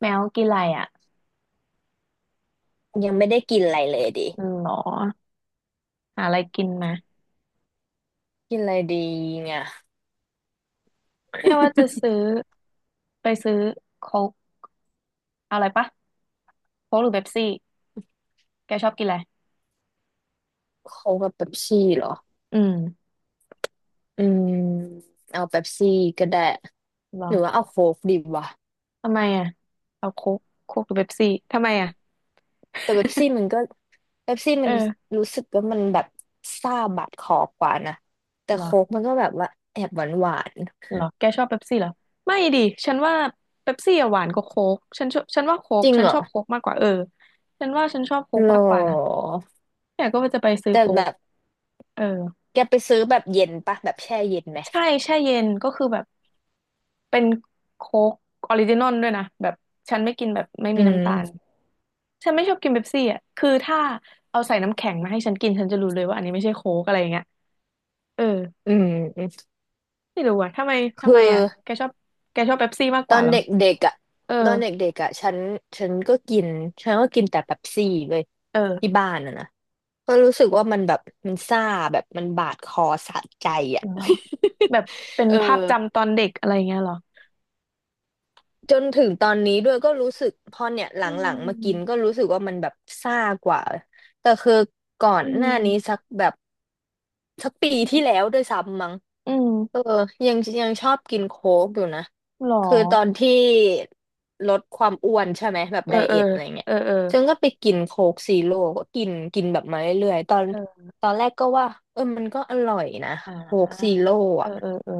แมวกินอะไรอ่ะยังไม่ได้กินอะไรเลยดิอืมหรอหาอะไรกินมากินอะไรดีเนี่ยเนี่ยว่าจะซื้อไปซื้อโค้กเอาอะไรปะโค้กหรือเป๊ปซี่แกชอบกินอะไรโค้กกับเป๊ปซี่เหรออืมอืมเอาเป๊ปซี่ก็ได้หรหอรือว่าเอาโค้กดีวะทำไมอ่ะเอาโค้กโค้กหรือเป๊ปซี่ทำไมอ่ะ แต่เป๊ปซี่ มันก็เป๊ปซี่เอมันอรู้สึกว่ามันแบบซ่าบาดคอกว่านะแต่หรอโค้กมันก็แบบว่าแอบหวานหวานหรอแกชอบเป๊ปซี่เหรอไม่ดิฉันว่าเป๊ปซี่อะหวานกว่าโค้กฉันชอบฉันว่าโค้จกริงฉันเหรชออบโค้กมากกว่าเออฉันว่าฉันชอบโค้กหรอมากกว่านะแต่ก็ว่าจะไปซื้อแต่โค้แบกบเออแกไปซื้อแบบเย็นปะแบบแช่เย็นไหมใช่แช่เย็นก็คือแบบ เป็นโค้กออริจินอลด้วยนะแบบฉันไม่กินแบบไม่อืมีน้ำมตาลฉันไม่ชอบกินเป๊ปซี่อ่ะคือถ้าเอาใส่น้ำแข็งมาให้ฉันกินฉันจะรู้เลยว่าอันนี้ไม่ใช่โค้กอะไรอย่างเงี้ยเอออืมไม่รู้อ่ะทำไมคืทำอ ไมอ่ะแกชอบแกชอบเป๊ปซี่มากตกอว่านเหรอเด็กๆอ่ะเออตอนเด็กๆอ่ะฉันฉันก็กินแต่เป๊ปซี่เว้ยที่เออบ้านอ่ะนะก็รู้สึกว่ามันแบบมันซ่าแบบมันบาดคอสะใจอ่ะ เหรอแบบเป็ นเออภาพจำตอนเด็กอะไรอย่างเงี้ยเหรอจนถึงตอนนี้ด้วยก็รู้สึกพอเนี่ยหลอืังๆมากินมก็รู้สึกว่ามันแบบซ่ากว่าแต่คือก่อนอืหน้านี้มสักแบบสักปีอืที่มแล้วด้วยซ้ำมั้ง อืเออมยังชอบกินโค้กอยู่นะ หรอคือตอนที่ลดความอ้วนใช่ไหมแบบเอไดอเอเออทอะไรเงี้ยเออเออฉันก็ไปกินโค้กซีโร่ก็กินกินแบบมาเรื่อยๆตอนเออแรกก็ว่าเออมันก็อร่อยนะอ่โค้กซีาโร่เอออะเออเออ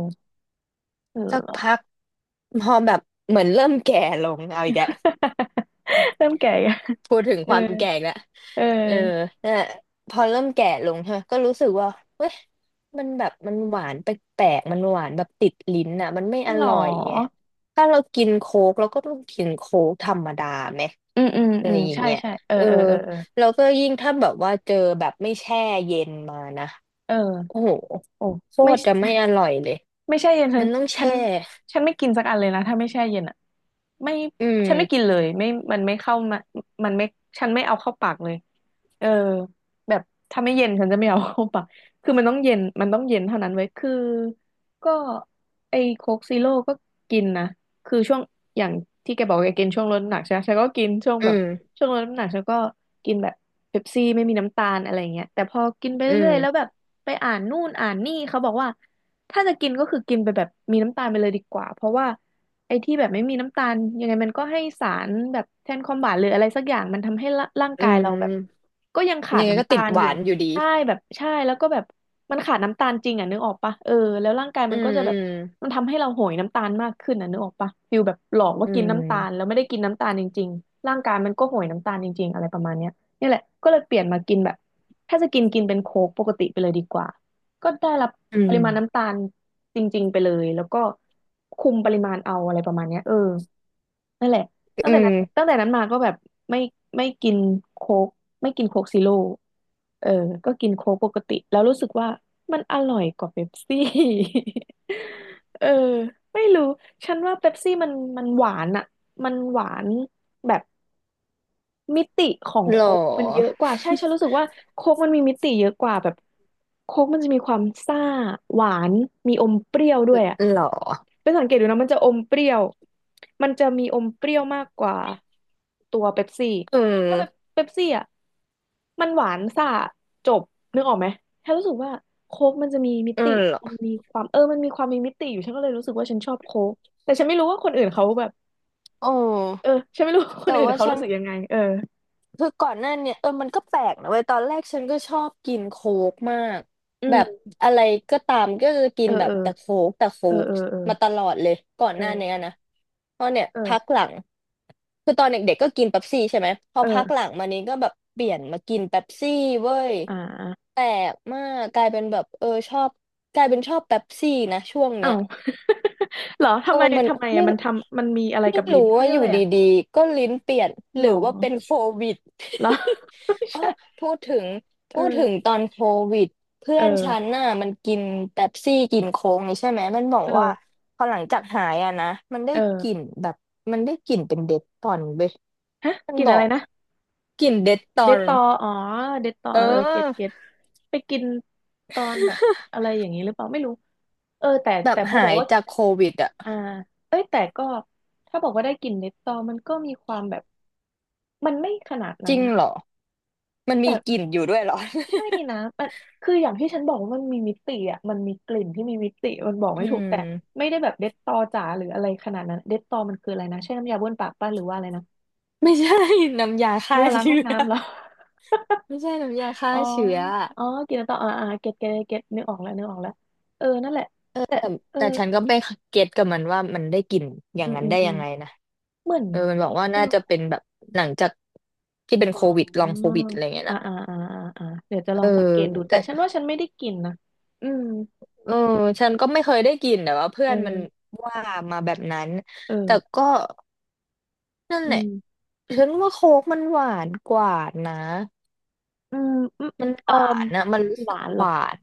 เสักหรอ พักพอแบบเหมือนเริ่มแก่ลงเอาอีกแล้ว เริ่มแก่ ยังพูดถึงเอคอวามแก่อีกแล้วเเออออน่นแหละพอเริ่มแก่ลงใช่ไหมก็รู้สึกว่าเว้ยมันแบบมันหวานแปลกๆมันหวานแบบติดลิ้นอ่ะมันไม่อหรร่อยไงอถ้าเรากินโค้กเราก็ต้องกินโค้กธรรมดาไหมอืมอืมอะอืไรมอย่างใช่เงี้ยใช่เออเออเออเออแล้วก็ยิ่งถ้าแบบว่าเจอแบบไม่แช่เย็นมานะเออเออโอ้โหโอ้โคไม่ ตรจะไม่อร่อยเลยไม่แช่เย็นฉันมันต้องฉัแช่นฉันไม่กินสักอันเลยนะถ้าไม่แช่เย็นอ่ะไม่อืฉันไม่กิมนเลยไม่มันไม่เข้ามามันไม่ฉันไม่เอาเข้าปากเลยเออแบบถ้าไม่เย็นฉันจะไม่เอาเข้าปากคือมันต้องเย็นมันต้องเย็นเท่านั้นไว้ยคือก็ไอ้โค้กซีโร่ก็กินนะคือช่วงอย่างที่แกบอกแกกินช่วงลดน้ำหนักใช่ไหมฉันก็กินช่วงอืแบบมช่วงลดน้ำหนักฉันก็กินแบบเป๊ปซี่ไม่มีน้ำตาลอะไรเงี้ยแต่พอกินไปอืเรื่อมยๆแล้วแบบไปอ่านนู่นอ่านนี่เขาบอกว่า ถ้าจะกินก็คือกินไปแบบมีน้ำตาลไปเลยดีกว่าเพราะว่าไอ้ที่แบบไม่มีน้ำตาลยังไงมันก็ให้สารแบบแทนความหวานหรืออะไรสักอย่างมันทำให้ร่างอืกายเราแบบมก็ยังขายัดงไงก็น้ำตาติดลหอยู่วานอยู่ดีใช่แบบใช่แล้วก็แบบมันขาดน้ำตาลจริงอ่ะนึกออกปะเออแล้วร่างกายอืมันก็มจะอืแบบม มันทำให้เราโหยน้ำตาลมากขึ้นอ่ะนึกออกปะฟิลแบบหลอกว่าอืกินน้ำตาลแล้มวไม่ได้กินน้ำตาลจริงๆร่างกายมันก็โหยน้ำตาลจริงๆอะไรประมาณเนี้ยนี่แหละก็เลยเปลี่ยนมากินแบบถ้าจะกินกินเป็นโค้กปกติไปเลยดีกว่า ก็ได้รับอืปมริมาณน้ำตาลจริงๆไปเลยแล้วก็คุมปริมาณเอาอะไรประมาณเนี้ยเออนั่นแหละตั้งอืแต่นั้มนตั้งแต่นั้นมาก็แบบไม่ไม่กินโค้กไม่กินโค้กซีโร่เออก็กินโค้กปกติแล้วรู้สึกว่ามันอร่อยกว่าเป๊ปซี่ เออไม่รู้ฉันว่าเป๊ปซี่มันหวานอะมันหวานแบบ มิติของหรอโค้กมันเยอะกว่าใช่ฉันรู้สึกว่าโค้กมันมีมิติเยอะกว่าแบบโค้กมันจะมีความซ่าหวานมีอมเปรี้ยวด้วยอ่ะหรอเป็นสังเกตดูนะมันจะอมเปรี้ยวมันจะมีอมเปรี้ยวมากกว่าตัวเป๊ปซี่อืถ้าเป๊ปมเป๊ปซี่อ่ะมันหวานซ่าจบนึกออกไหมฉันรู้สึกว่าโค้กมันจะมีมิอืติมหรอมันมีความเออมันมีความมีมิติอยู่ฉันก็เลยรู้สึกว่าฉันชอบโค้กแต่ฉันไม่รู้ว่าคนอื่นเขาแบบโอ้เออฉันไม่รู้ว่าคนแต่อื่นว่าเขาฉัรู้น สึกยังไงเออคือก่อนหน้าเนี่ยเออมันก็แปลกนะเว้ยตอนแรกฉันก็ชอบกินโค้กมากอืแบบม อะไรก็ตามก็คือกิเอนอแบเอบอแต่โค้กแต่โค้เออกเออมาตลอดเลยก่อนเอหน้าเนี้ยอนะเพราะเนี่ยเออพักหลังคือตอนเด็กๆก็กินเป๊ปซี่ใช่ไหมพอเอพัอกหลังมานี้ก็แบบเปลี่ยนมากินเป๊ปซี่เว้ยเอออ่าแปลกมากกลายเป็นแบบเออชอบกลายเป็นชอบเป๊ปซี่นะช่วงเนี้เอ้า ย เหรอเอทำอไมมันทำไมไม่อะมันทำมันมีอะไรไม่กับลิ้รู้นเขาว่าเรียอกยู่อะไรอ่ะดีๆก็ลิ้นเปลี่ยนหหรรืออว่าเป็นโควิด เหรอ ไม่ เออใช่พูดถึงเอพูดถึงอตอนโควิดเพื่เออนฉันอน่ะมันกินเป๊ปซี่กินโค้กนี่ใช่ไหมมันบอกว่าเออพอหลังจากหายอะนะมันได้เออกลิ่นแบบมันได้กลิ่นเป็นเดทตอนเว้ยฮะมันกินบออะไรกนะกลิ่นเดทตอเดตนตออ๋อเดตตอเอเออเออเก็ตอเก็ตไปกินตอนแบบอะไรอย่างนี้หรือเปล่าไม่รู้เออแต่แบบแต่พอบหาอกยว่าจากโควิดอะอ่าเอ้ยแต่ก็ถ้าบอกว่าได้กลิ่นเนตตอมันก็มีความแบบมันไม่ขนาดจนั้รินงนะ เหรอมันแต่มีกลิ่นอยู่ด้วยเหรอ ไม่นะมันคืออย่างที่ฉันบอกว่ามันมีมิติอ่ะมันมีกลิ่นที่มีมิติมันบอก อืไม่ถูกมแต่ไม่ได้แบบเด็ดตอจ๋าหรืออะไรขนาดนั้นเด็ดตอมันคืออะไรนะใช่น้ำยาบ้วนปากป้ะหรือว่าอะไรนะไม่ใช่ น้ำยาฆ่าเวลาล้างห้เชื้องอ น้ำเหรอ ไม่ใช่น้ำยา ฆ่าอ๋อเชื้ออะอ๋อกินแล้วต่ออ่าอ่าเก็ตเก็ตเก็ตนึกออกแล้วนึกออกแล้วเออนั่นแหละแตแต่่เออแต่ฉันก็ไม่เก็ตกับมันว่ามันได้กลิ่นอย่าอืงมนั้นอืมได้อืยัมงไงนะเหมือนเออมันบอกว่าเออน่าจะเป็นแบบหลังจากที่เป็นอ๋โควิดลองโคอวิดอะไรเงี้ยอ่านะอ่าอ่าอ่าอ่าเดี๋ยวจะเอลอองสังเกตดูแต่แต่ฉันว่าฉันไม่ได้กินนะอืมเออฉันก็ไม่เคยได้กลิ่นแต่ว่าเพื่อเอนมันอว่ามาแบบนั้น เอแต่อก็นั่นอืแหละม ฉันว่าโค้กมันหวานกว่านะอืมอืมมันหเอ่วามนนะมันรู้หสึกวานเหรหอวาน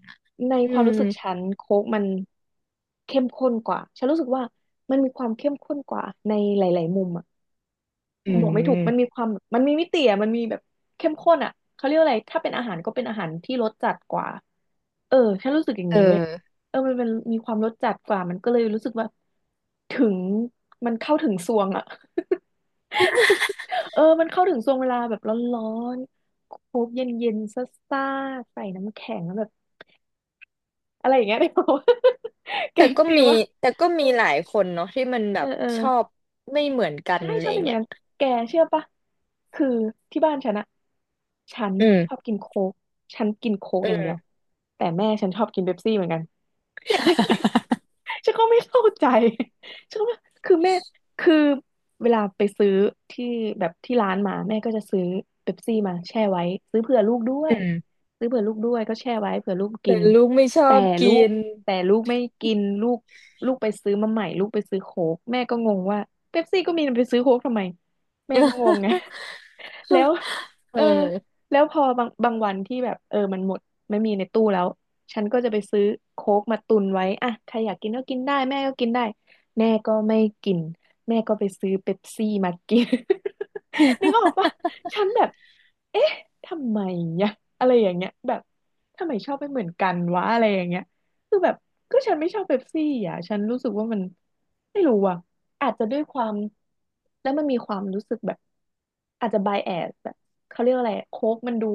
ในอืความมรู้สึกฉันโค้กมันเข้มข้นกว่าฉันรู้สึกว่ามันมีความเข้มข้นกว่าในหลายๆมุมอะ อืบอกไม่ถูกมันมีมความมันมีมิติอะมันมีแบบเข้มข้นอะเขาเรียกว่าอะไรถ้าเป็นอาหารก็เป็นอาหารที่รสจัดกว่าเออฉันรู้สึกอย่างเออ นี้เว้ยเออมันเป็นมีความรสจัดกว่ามันก็เลยรู้สึกว่าถึงมันเข้าถึงซวงอะ เออมันเข้าถึงซวงเวลาแบบร้อนๆโคกเย็นๆซ่าๆใส่น้ำแข็งแล้วแบบอะไรอย่างเงี้ย ได้ป่าว แกแต่งก็ฟิมีวว่าแต่ก็เอมีหลายคนเนาะที่มันแบอบเอชอบอ ไม่เหมือนกันใช่อะไรชอบเป็นเหมือเงี้นยกันแกเชื่อปะคือที่บ้านฉันอะฉันอืมชอบกินโค้กฉันกินโค้กอือย่างเดียวมแต่แม่ฉันชอบกินเป๊ปซี่เหมือนกัน เนี่ยฉันก็ไม่ ฉันก็ไม่เข้าใจ ฉันก็ไม่คือแม่คือเวลาไปซื้อที่แบบที่ร้านมาแม่ก็จะซื้อเป๊ปซี่มาแช่ไว้ซื้อเผื่อลูกด้วยอืมซื้อเผื่อลูกด้วยก็แช่ไว้เผื่อลูกกิแต่นลูกไม่ชอแต่บลูกิกนแต่ลูกไม่กินลูกลูกไปซื้อมาใหม่ลูกไปซื้อโค้กแม่ก็งงว่าเป๊ปซี่ก็มีไปซื้อโค้กทำไมแม่ก็งงไง แล้วเออเออแล้วพอบางวันที่แบบเออมันหมดไม่มีในตู้แล้วฉันก็จะไปซื้อโค้กมาตุนไว้อ่ะใครอยากกินก็กินได้แม่ก็กินได้แม่ก็ไม่กินแม่ก็ไปซื้อเป๊ปซี่มากิน นึกออกปะฉันแบบเอ๊ะทำไมเนี่ยอะไรอย่างเงี้ยแบบทำไมชอบไม่เหมือนกันวะอะไรอย่างเงี้ย คือแบบก็ฉันไม่ชอบเป๊ปซี่อ่ะฉันรู้สึกว่ามันไม่รู้อ่ะอาจจะด้วยความแล้วมันมีความรู้สึกแบบอาจจะไบแอสแบบเขาเรียกอะไรโค้กมันดู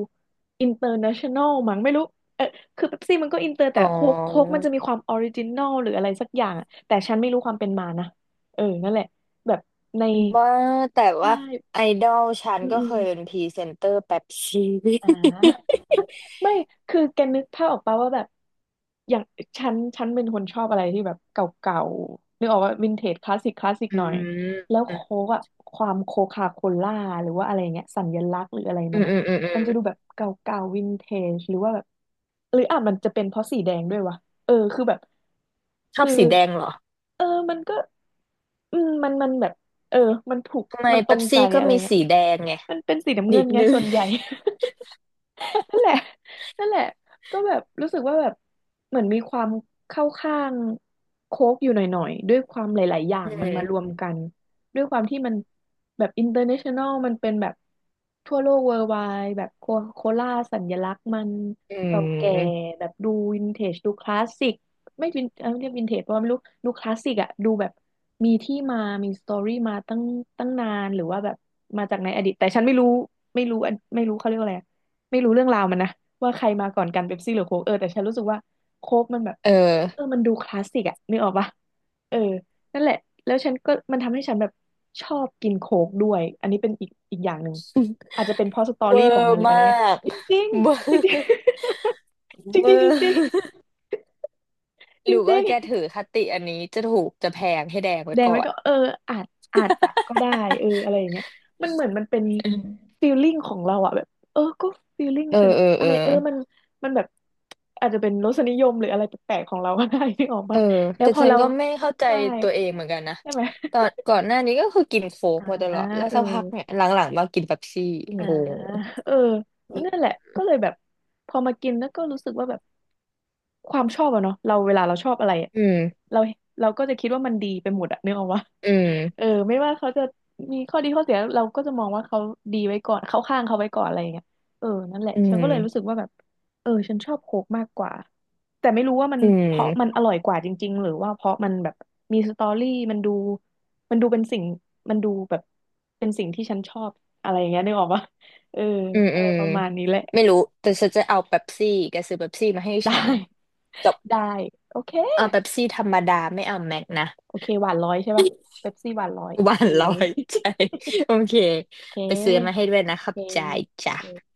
อินเตอร์เนชั่นแนลมั้งไม่รู้เออคือเป๊ปซี่มันก็อินเตอร์แต่อ๋อโค้กมันจะมีความออริจินอลหรืออะไรสักอย่างอะแต่ฉันไม่รู้ความเป็นมานะเออนั่นแหละแบบในว่าแต่ใชว่า่ไอดอลฉันอืมก็อืเคมยเป็นพรีเซนเตอร์แป๊บชี อ่า ไม่ คือแกนึกภาพออกปะว่าแบบอย่างฉันเป็นคนชอบอะไรที่แบบเก่าๆนึกออกว่าวินเทจคลาสสิกคลาสสิก อืหน่อยมแล้วอืโค้กอะความโคคาโคล่าหรือว่าอะไรเงี้ยสัญลักษณ์หรืออะไรมอืมันมอะอืมอืมัมนจะดูแบบเก่าๆวินเทจหรือว่าแบบหรืออ่ะมันจะเป็นเพราะสีแดงด้วยวะเออคือแบบชอบคือสีแดงเหรอเออมันก็อืมมันแบบเออมันถูกทำไมมันตรเป๊งปใจซี่ก็อะไรมีเงี้ยสีแดงไงมันเป็นสีน้ำนิเงินดไงนึงส่วนใหญ่ นั่นแหละ นั่นแหละก็แบบรู้สึกว่าแบบเหมือนมีความเข้าข้างโค้กอยู่หน่อยๆ ด้วยความหลายๆ อย่าอืงมันมามรวมกัน ด้วยความที่มันแบบอินเตอร์เนชั่นแนลมันเป็นแบบทั่วโลกเวิร์ไวแบบโคโคล่าสัญลักษณ์มันอืเก่าแก่มแบบดูวินเทจดูคลาสสิกไม่เรียกวินเทจเพราะว่าไม่รู้ดูคลาสสิกอะดูแบบมีที่มามีสตอรี่มาตั้งนานหรือว่าแบบมาจากในอดีตแต่ฉันไม่รู้ไม่รู้อันไม่รู้เขาเรียกว่าอะไร ไม่รู้เรื่องราวมันนะว่าใครมาก่อนกันเป๊ปซี่หรือโค้กเออแต่ฉันรู้สึกว่าโค้กมันแบบเออเออมันดูคลาสสิกอะนึกออกปะเออนั่นแหละแล้วฉันก็มันทำให้ฉันแบบชอบกินโค้กด้วยอันนี้เป็นอีกอย่างหนึ่งอาจจะเป็นเพราะสตอเวอรี่ของร์มันหรืออะมาไรเงี้ยก จริง เวอๆจริงร์ๆ จเวริองๆจร์ ริงๆจหรรือว่าิงแกๆ ถือคติอันนี้จะถูกจะแพงให้แดงไว้แดงก่อไว้นก็เอออาจอาจจะก็ได้เอออะไรอย่างเงี้ยมันเหมือนมันเป็นฟีลลิ่งของเราอะแบบเออก็ฟีลลิ่งเอฉัอนเอออะเออไรเออมันแบบอาจจะเป็นรสนิยมหรืออะไรแปลกๆของเราก็ได้ ที่ออกเออ ปะแล้วแต่พอฉันเราก็ไม่เข้าใจใช่ตัวเองเหมือนกันนะใช่ไหมตอนก่อนหน้านี้ก็คือกินโค้กอ่ามาตลอดแล้วเออสักพักเนี่ยหลังๆมากินเป๊ปซี่งอ่า ง เออนั่นแหละก็เลยแบบพอมากินแล้วก็รู้สึกว่าแบบ ความชอบอะเนาะเราเวลาเราชอบอะไรอะอืมเราเราก็จะคิดว่ามันดีไปหมดอะนึกออกวะ อื เอมอไม่ว่าเขาจะมีข้อดีข้อเสียเราก็จะมองว่าเขาดีไว้ก่อนเข้าข้างเขาไว้ก่อนอะไรอย่างเงี้ยเออนั่นแหละอืฉันก็เลยรู้สึกมว่าแบบเออฉันชอบโค้กมากกว่าแต่ไม่รู้ว่ามันอืเพราะมันมอร่อยกว่าจริงๆหรือว่าเพราะมันแบบมีสตอรี่มันดูเป็นสิ่งมันดูแบบเป็นสิ่งที่ฉันชอบอะไรอย่างเงี้ยนึกออกปะเอออืมอะอืไรมประมาณนี้แหละไม่รู้ แต่ฉันจะเอาเป๊ปซี่แกซื้อเป๊ปซี่มาให้ได้ฉันจบได้โอเค เอาเป๊ปซี่ธรรมดาไม่เอาแม็กนะโอเคหวานร้อยใช่ป่ะเป๊ปซี่หวานร้อยหโอวาเค นร้อยใจโอเค โอเคไปซื้อมาให้ด้วยนะคโอรับเคจ่ายจ้ะโอเค